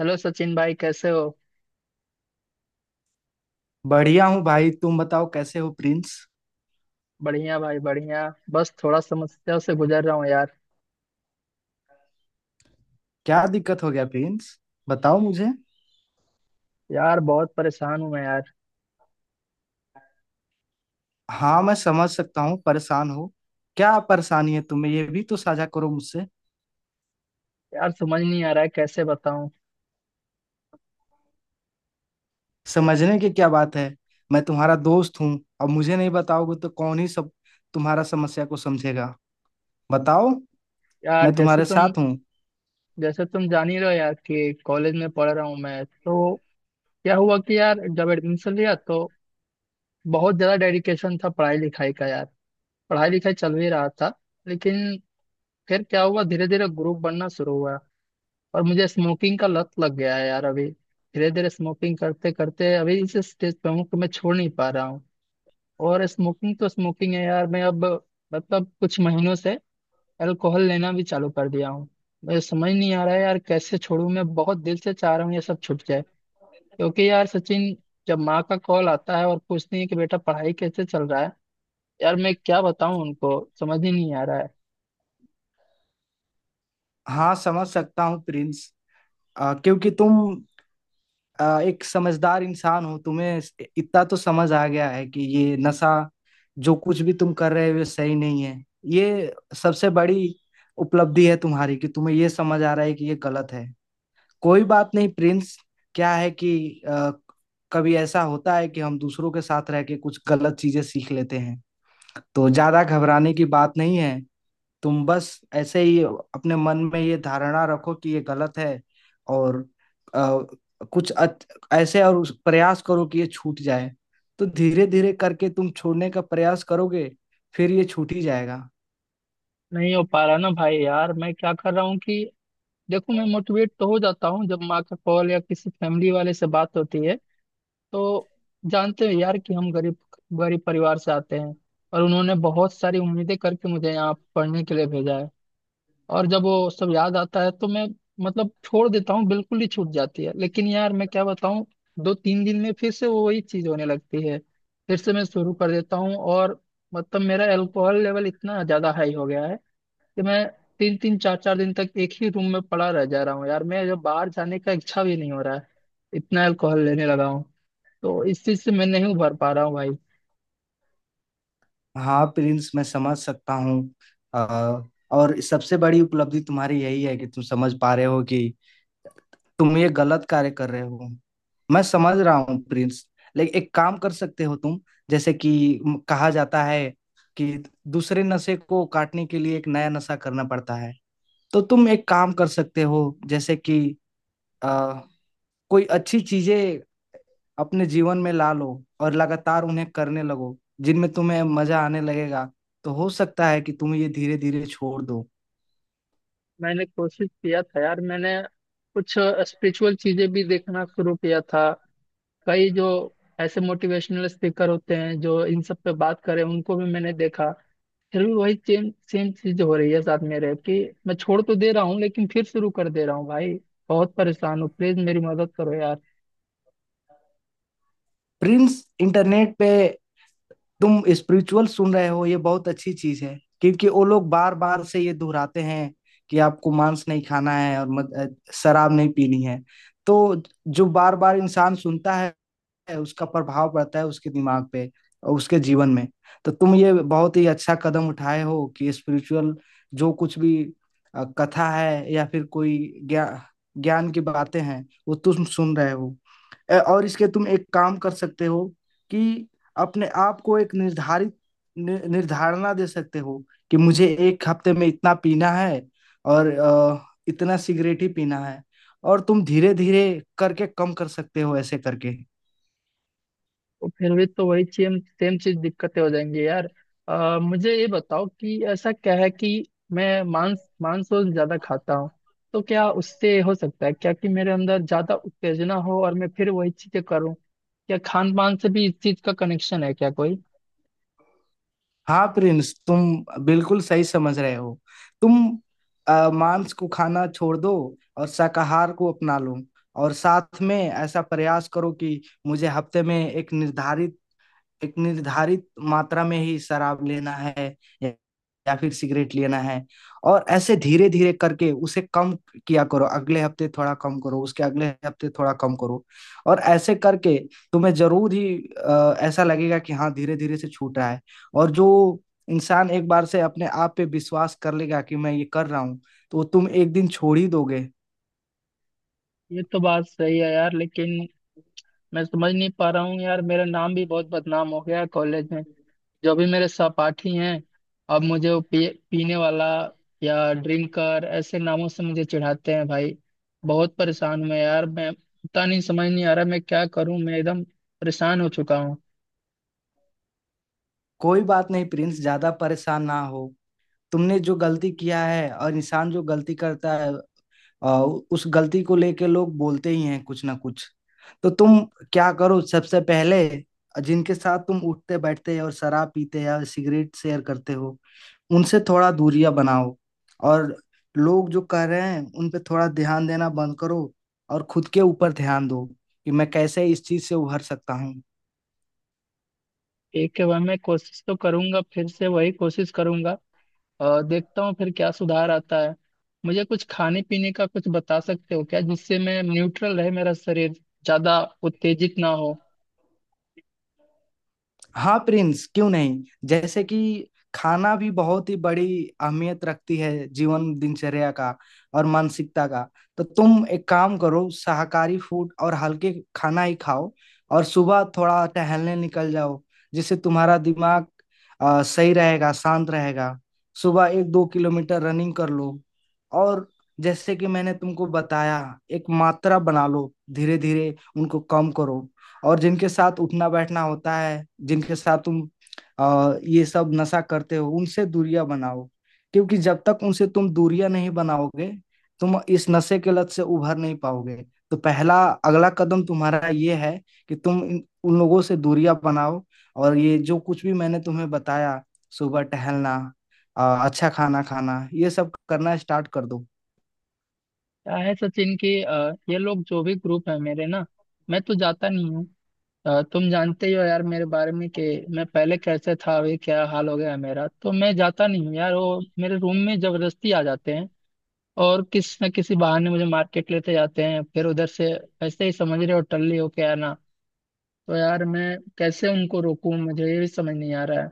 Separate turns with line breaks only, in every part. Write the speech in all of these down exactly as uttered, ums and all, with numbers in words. Hello Sachin भाई, कैसे हो?
बढ़िया हूँ भाई। तुम बताओ कैसे हो प्रिंस?
बढ़िया भाई, बढ़िया। बस थोड़ा समस्या से गुजर रहा हूँ यार।
क्या दिक्कत हो गया प्रिंस? बताओ मुझे।
यार, बहुत परेशान हूँ मैं यार।
हाँ, मैं समझ सकता हूँ परेशान हो। क्या परेशानी है तुम्हें, ये भी तो साझा करो मुझसे।
यार, समझ नहीं आ रहा है कैसे बताऊँ।
समझने की क्या बात है। मैं तुम्हारा दोस्त हूँ। अब मुझे नहीं बताओगे तो कौन ही सब तुम्हारा समस्या को समझेगा। बताओ।
यार,
मैं
जैसे
तुम्हारे
तुम
साथ हूँ।
जैसे तुम जान ही रहो यार कि कॉलेज में पढ़ रहा हूँ मैं तो। क्या हुआ कि यार, जब एडमिशन लिया तो बहुत ज़्यादा डेडिकेशन था पढ़ाई लिखाई का यार। पढ़ाई लिखाई चल भी रहा था, लेकिन फिर क्या हुआ, धीरे धीरे ग्रुप बनना शुरू हुआ। और मुझे स्मोकिंग का लत लग गया है यार अभी। धीरे धीरे स्मोकिंग करते करते अभी इस स्टेज पे हूँ कि मैं छोड़ नहीं पा रहा हूँ। और स्मोकिंग तो स्मोकिंग है यार, मैं अब मतलब कुछ महीनों से अल्कोहल लेना भी चालू कर दिया हूँ। मुझे समझ नहीं आ रहा है यार, कैसे छोड़ूं। मैं बहुत दिल से चाह रहा हूँ ये सब छूट जाए। क्योंकि यार सचिन, जब माँ का कॉल आता है और पूछती है कि बेटा पढ़ाई कैसे चल रहा है, यार मैं क्या बताऊं उनको, समझ ही नहीं आ रहा है।
हाँ, समझ सकता हूँ प्रिंस। आ, क्योंकि तुम अ, एक समझदार इंसान हो। तुम्हें इतना तो समझ आ गया है कि ये नशा जो कुछ भी तुम कर रहे हो ये सही नहीं है। ये सबसे बड़ी उपलब्धि है तुम्हारी कि तुम्हें ये समझ आ रहा है कि ये गलत है। कोई बात नहीं प्रिंस। क्या है कि अ, कभी ऐसा होता है कि हम दूसरों के साथ रह के कुछ गलत चीजें सीख लेते हैं। तो ज्यादा घबराने की बात नहीं है। तुम बस ऐसे ही अपने मन में ये धारणा रखो कि ये गलत है। और अ, कुछ अच, ऐसे और उस प्रयास करो कि ये छूट जाए। तो धीरे धीरे करके तुम छोड़ने का प्रयास करोगे, फिर ये छूट ही जाएगा।
नहीं हो पा रहा ना भाई, यार मैं क्या कर रहा हूँ कि देखो, मैं मोटिवेट तो हो जाता हूँ जब माँ का कॉल या किसी फैमिली वाले से बात होती है। तो जानते हो यार कि हम गरीब गरीब परिवार से आते हैं, और उन्होंने बहुत सारी उम्मीदें करके मुझे यहाँ पढ़ने के लिए भेजा है। और जब वो सब याद आता है तो मैं मतलब छोड़ देता हूँ, बिल्कुल ही छूट जाती है। लेकिन यार मैं क्या बताऊँ, दो तीन दिन में फिर से वो वही चीज होने लगती है। फिर से मैं शुरू कर देता हूँ। और मतलब मेरा अल्कोहल लेवल इतना ज्यादा हाई हो गया है कि मैं तीन तीन चार चार दिन तक एक ही रूम में पड़ा रह जा रहा हूँ यार। मैं जब बाहर जाने का इच्छा भी नहीं हो रहा है, इतना अल्कोहल लेने लगा हूँ। तो इस चीज से मैं नहीं उभर पा रहा हूँ भाई।
हाँ प्रिंस, मैं समझ सकता हूँ। अ, और सबसे बड़ी उपलब्धि तुम्हारी यही है कि तुम समझ पा रहे हो कि तुम ये गलत कार्य कर रहे हो। मैं समझ रहा हूँ प्रिंस। लेकिन एक काम कर सकते हो तुम। जैसे कि म- कहा जाता है कि दूसरे नशे को काटने के लिए एक नया नशा करना पड़ता है। तो तुम एक काम कर सकते हो, जैसे कि आ, कोई अच्छी चीजें अपने जीवन में ला लो और लगातार उन्हें करने लगो जिनमें तुम्हें मजा आने लगेगा। तो हो सकता है कि तुम ये धीरे धीरे छोड़ दो।
मैंने कोशिश किया था यार, मैंने कुछ स्पिरिचुअल चीजें भी देखना शुरू किया था। कई जो ऐसे मोटिवेशनल स्पीकर होते हैं जो इन सब पे बात करें, उनको भी मैंने देखा। फिर भी वही सेम सेम चीज हो रही है साथ मेरे कि मैं छोड़ तो दे रहा हूँ लेकिन फिर शुरू कर दे रहा हूँ भाई। बहुत परेशान हूँ, प्लीज मेरी मदद करो यार।
प्रिंस, इंटरनेट पे तुम स्पिरिचुअल सुन रहे हो ये बहुत अच्छी चीज है, क्योंकि वो लोग बार बार से ये दोहराते हैं कि आपको मांस नहीं खाना है और मद, अ, शराब नहीं पीनी है। तो जो बार बार इंसान सुनता है है, उसका प्रभाव पड़ता है उसके दिमाग पे और उसके जीवन में। तो तुम ये बहुत ही अच्छा कदम उठाए हो कि स्पिरिचुअल जो कुछ भी अ, कथा है या फिर कोई ज्ञा ज्ञान की बातें हैं वो तुम सुन रहे हो। अ, और इसके तुम एक काम कर सकते हो कि अपने आप को एक निर्धारित नि- निर्धारणा दे सकते हो कि मुझे एक हफ्ते में इतना पीना है और अ, इतना सिगरेट ही पीना है। और तुम धीरे धीरे करके कम कर सकते हो ऐसे करके।
तो फिर भी तो वही सेम सेम चीज दिक्कतें हो जाएंगी यार। अ, मुझे ये बताओ कि ऐसा क्या है कि मैं मांस मांस और ज्यादा खाता हूँ, तो क्या उससे हो सकता है क्या कि मेरे अंदर ज्यादा उत्तेजना हो और मैं फिर वही चीजें करूँ? क्या खान पान से भी इस चीज का कनेक्शन है क्या कोई?
हाँ प्रिंस, तुम बिल्कुल सही समझ रहे हो। तुम अ, मांस को खाना छोड़ दो और शाकाहार को अपना लो। और साथ में ऐसा प्रयास करो कि मुझे हफ्ते में एक निर्धारित एक निर्धारित मात्रा में ही शराब लेना है या या फिर सिगरेट लेना है। और ऐसे धीरे धीरे करके उसे कम किया करो। अगले हफ्ते थोड़ा कम करो, उसके अगले हफ्ते थोड़ा कम करो। और ऐसे करके तुम्हें जरूर ही अ, ऐसा लगेगा कि हाँ, धीरे धीरे से छूट रहा है। और जो इंसान एक बार से अपने आप पे विश्वास कर लेगा कि मैं ये कर रहा हूँ, तो तुम एक दिन छोड़ ही दोगे।
ये तो बात सही है यार, लेकिन मैं समझ नहीं पा रहा हूँ यार। मेरा नाम भी बहुत बदनाम हो गया है कॉलेज में। जो भी मेरे सहपाठी हैं, अब मुझे वो पी, पीने वाला या ड्रिंकर ऐसे नामों से मुझे चिढ़ाते हैं भाई। बहुत परेशान हूँ यार मैं, पता नहीं, समझ नहीं आ रहा मैं क्या करूँ। मैं एकदम परेशान हो चुका हूँ।
कोई बात नहीं प्रिंस, ज्यादा परेशान ना हो। तुमने जो गलती किया है और इंसान जो गलती करता है, आ, उस गलती को लेके लोग बोलते ही हैं कुछ ना कुछ। तो तुम क्या करो सबसे पहले, जिनके साथ तुम उठते बैठते और शराब पीते या सिगरेट शेयर करते हो उनसे थोड़ा दूरियां बनाओ। और लोग जो कर रहे हैं उन पे थोड़ा ध्यान देना बंद करो और खुद के ऊपर ध्यान दो कि मैं कैसे इस चीज से उभर सकता हूँ।
एक के बाद मैं कोशिश तो करूंगा, फिर से वही कोशिश करूंगा और देखता हूँ फिर क्या सुधार आता है। मुझे कुछ खाने पीने का कुछ बता सकते हो क्या, जिससे मैं न्यूट्रल रहे, मेरा शरीर ज्यादा उत्तेजित ना हो?
हाँ प्रिंस, क्यों नहीं। जैसे कि खाना भी बहुत ही बड़ी अहमियत रखती है जीवन दिनचर्या का और मानसिकता का। तो तुम एक काम करो, शाकाहारी फूड और हल्के खाना ही खाओ। और सुबह थोड़ा टहलने निकल जाओ जिससे तुम्हारा दिमाग अ, सही रहेगा, शांत रहेगा। सुबह एक दो किलोमीटर रनिंग कर लो। और जैसे कि मैंने तुमको बताया, एक मात्रा बना लो, धीरे धीरे उनको कम करो। और जिनके साथ उठना बैठना होता है, जिनके साथ तुम आ, ये सब नशा करते हो उनसे दूरियां बनाओ। क्योंकि जब तक उनसे तुम दूरियां नहीं बनाओगे, तुम इस नशे के लत से उभर नहीं पाओगे। तो पहला अगला कदम तुम्हारा ये है कि तुम इन- उन लोगों से दूरियां बनाओ। और ये जो कुछ भी मैंने तुम्हें बताया, सुबह टहलना, आ, अच्छा खाना खाना, ये सब करना स्टार्ट कर दो।
क्या है सचिन की, ये लोग जो भी ग्रुप है मेरे ना, मैं तो जाता नहीं हूँ। अ, तुम जानते ही हो यार मेरे बारे में कि मैं पहले कैसे था, अभी क्या हाल हो गया है मेरा। तो मैं जाता नहीं हूँ यार, वो मेरे रूम में जबरदस्ती आ जाते हैं और किस न किसी बहाने मुझे मार्केट लेते जाते हैं, फिर उधर से ऐसे ही समझ रहे हो, टल्ली हो के आना। तो यार मैं कैसे उनको रोकूं, मुझे ये भी समझ नहीं आ रहा है।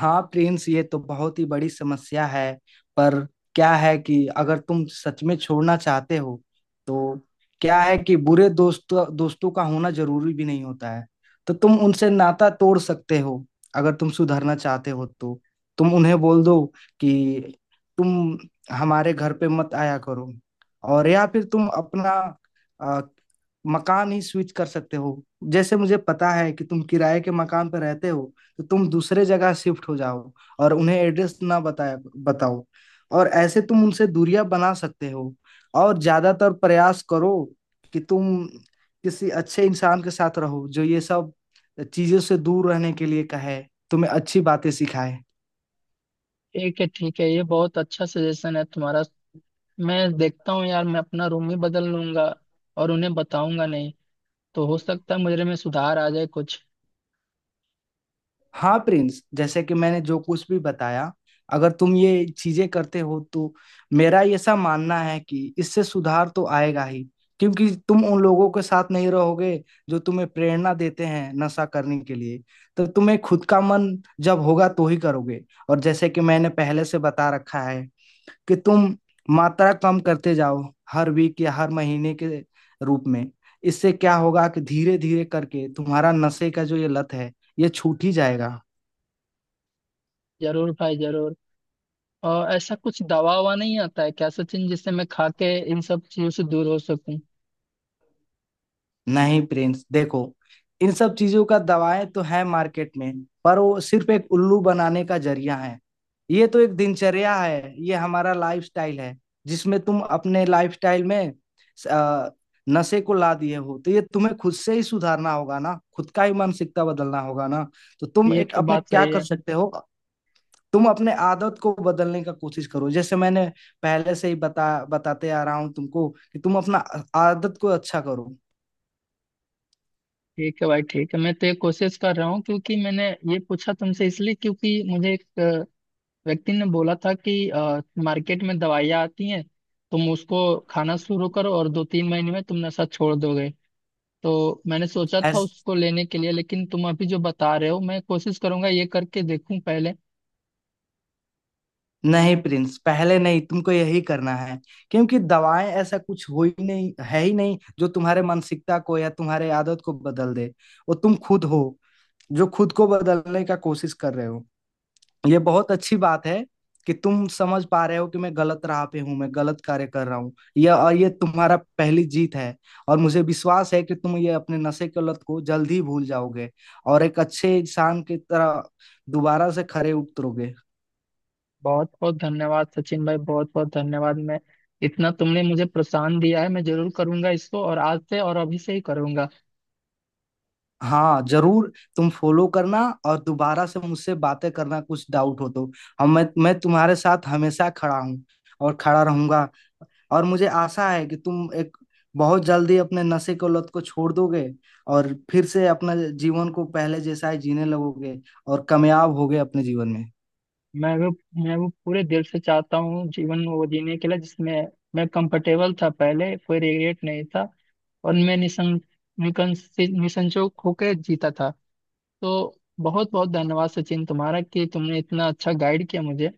हाँ प्रिंस, ये तो बहुत ही बड़ी समस्या है। पर क्या है कि अगर तुम सच में छोड़ना चाहते हो तो क्या है कि बुरे दोस्त दोस्तों का होना जरूरी भी नहीं होता है। तो तुम उनसे नाता तोड़ सकते हो अगर तुम सुधरना चाहते हो तो। तुम उन्हें बोल दो कि तुम हमारे घर पे मत आया करो। और या फिर तुम अपना अ, मकान ही स्विच कर सकते हो। जैसे मुझे पता है कि तुम किराए के मकान पर रहते हो, तो तुम दूसरे जगह शिफ्ट हो जाओ और उन्हें एड्रेस ना बताए बताओ। और ऐसे तुम उनसे दूरियां बना सकते हो। और ज्यादातर प्रयास करो कि तुम किसी अच्छे इंसान के साथ रहो जो ये सब चीजों से दूर रहने के लिए कहे, तुम्हें अच्छी बातें सिखाए।
ठीक है, ठीक है, ये बहुत अच्छा सजेशन है तुम्हारा। मैं देखता हूँ यार, मैं अपना रूम ही बदल लूंगा और उन्हें बताऊंगा नहीं। तो हो सकता है मुझे में सुधार आ जाए कुछ।
हाँ प्रिंस, जैसे कि मैंने जो कुछ भी बताया, अगर तुम ये चीजें करते हो तो मेरा ऐसा मानना है कि इससे सुधार तो आएगा ही, क्योंकि तुम उन लोगों के साथ नहीं रहोगे जो तुम्हें प्रेरणा देते हैं नशा करने के लिए। तो तुम्हें खुद का मन जब होगा तो ही करोगे। और जैसे कि मैंने पहले से बता रखा है कि तुम मात्रा कम करते जाओ हर वीक या हर महीने के रूप में। इससे क्या होगा कि धीरे धीरे करके तुम्हारा नशे का जो ये लत है ये छूट ही जाएगा।
जरूर भाई, जरूर। और ऐसा कुछ दवा ववा नहीं आता है क्या सचिन, जिससे मैं खा के इन सब चीजों से दूर हो सकूं?
नहीं प्रिंस, देखो, इन सब चीजों का दवाएं तो है मार्केट में, पर वो सिर्फ एक उल्लू बनाने का जरिया है। ये तो एक दिनचर्या है, ये हमारा लाइफस्टाइल है जिसमें तुम अपने लाइफस्टाइल में अ, नशे को ला दिए हो। तो ये तुम्हें खुद से ही सुधारना होगा ना, खुद का ही मानसिकता बदलना होगा ना। तो तुम
ये
एक
तो
अपने
बात
क्या
सही
कर
है।
सकते हो, तुम अपने आदत को बदलने का कोशिश करो। जैसे मैंने पहले से ही बता बताते आ रहा हूँ तुमको कि तुम अपना आदत को अच्छा करो।
ठीक है भाई, ठीक है, मैं तो ये कोशिश कर रहा हूँ। क्योंकि मैंने ये पूछा तुमसे इसलिए क्योंकि मुझे एक अ, व्यक्ति ने बोला था कि अ, मार्केट में दवाइयाँ आती हैं, तुम उसको खाना शुरू करो और दो तीन महीने में तुम नशा छोड़ दोगे। तो मैंने सोचा था
ऐस-
उसको लेने के लिए, लेकिन तुम अभी जो बता रहे हो, मैं कोशिश करूंगा ये करके देखूं पहले।
नहीं प्रिंस, पहले नहीं, तुमको यही करना है। क्योंकि दवाएं ऐसा कुछ हो ही नहीं है ही नहीं जो तुम्हारे मानसिकता को या तुम्हारे आदत को बदल दे। वो तुम खुद हो जो खुद को बदलने का कोशिश कर रहे हो। ये बहुत अच्छी बात है कि तुम समझ पा रहे हो कि मैं गलत राह पे हूँ, मैं गलत कार्य कर रहा हूँ। यह और ये तुम्हारा पहली जीत है। और मुझे विश्वास है कि तुम ये अपने नशे की लत को जल्द ही भूल जाओगे और एक अच्छे इंसान की तरह दोबारा से खरे उतरोगे।
बहुत बहुत धन्यवाद सचिन भाई, बहुत बहुत धन्यवाद। मैं, इतना तुमने मुझे प्रोत्साहन दिया है, मैं जरूर करूंगा इसको, और आज से और अभी से ही करूंगा।
हाँ जरूर, तुम फॉलो करना और दोबारा से मुझसे बातें करना कुछ डाउट हो तो। हम मैं मैं तुम्हारे साथ हमेशा खड़ा हूँ और खड़ा रहूंगा। और मुझे आशा है कि तुम एक बहुत जल्दी अपने नशे को लत को छोड़ दोगे और फिर से अपना जीवन को पहले जैसा ही जीने लगोगे और कामयाब होगे अपने जीवन में।
मैं वो मैं वो पूरे दिल से चाहता हूँ जीवन वो जीने के लिए जिसमें मैं कंफर्टेबल था पहले, कोई रिग्रेट नहीं था, और मैं निसं निकंसित निसंकोच होकर जीता था। तो बहुत बहुत धन्यवाद सचिन तुम्हारा, कि तुमने इतना अच्छा गाइड किया मुझे।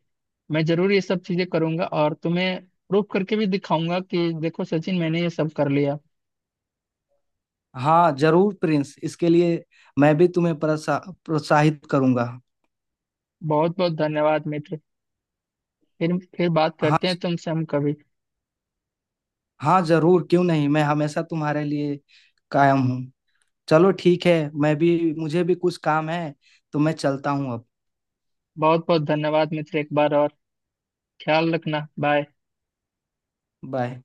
मैं जरूर ये सब चीजें करूंगा और तुम्हें प्रूफ करके भी दिखाऊंगा कि देखो सचिन, मैंने ये सब कर लिया।
हाँ जरूर प्रिंस, इसके लिए मैं भी तुम्हें प्रोत्सा प्रोत्साहित करूंगा।
बहुत बहुत धन्यवाद मित्र, फिर फिर बात करते
हाँ।
हैं तुमसे हम कभी।
हाँ जरूर, क्यों नहीं, मैं हमेशा तुम्हारे लिए कायम हूँ। चलो ठीक है, मैं भी मुझे भी कुछ काम है, तो मैं चलता हूँ अब।
बहुत बहुत धन्यवाद मित्र, एक बार और। ख्याल रखना, बाय।
बाय।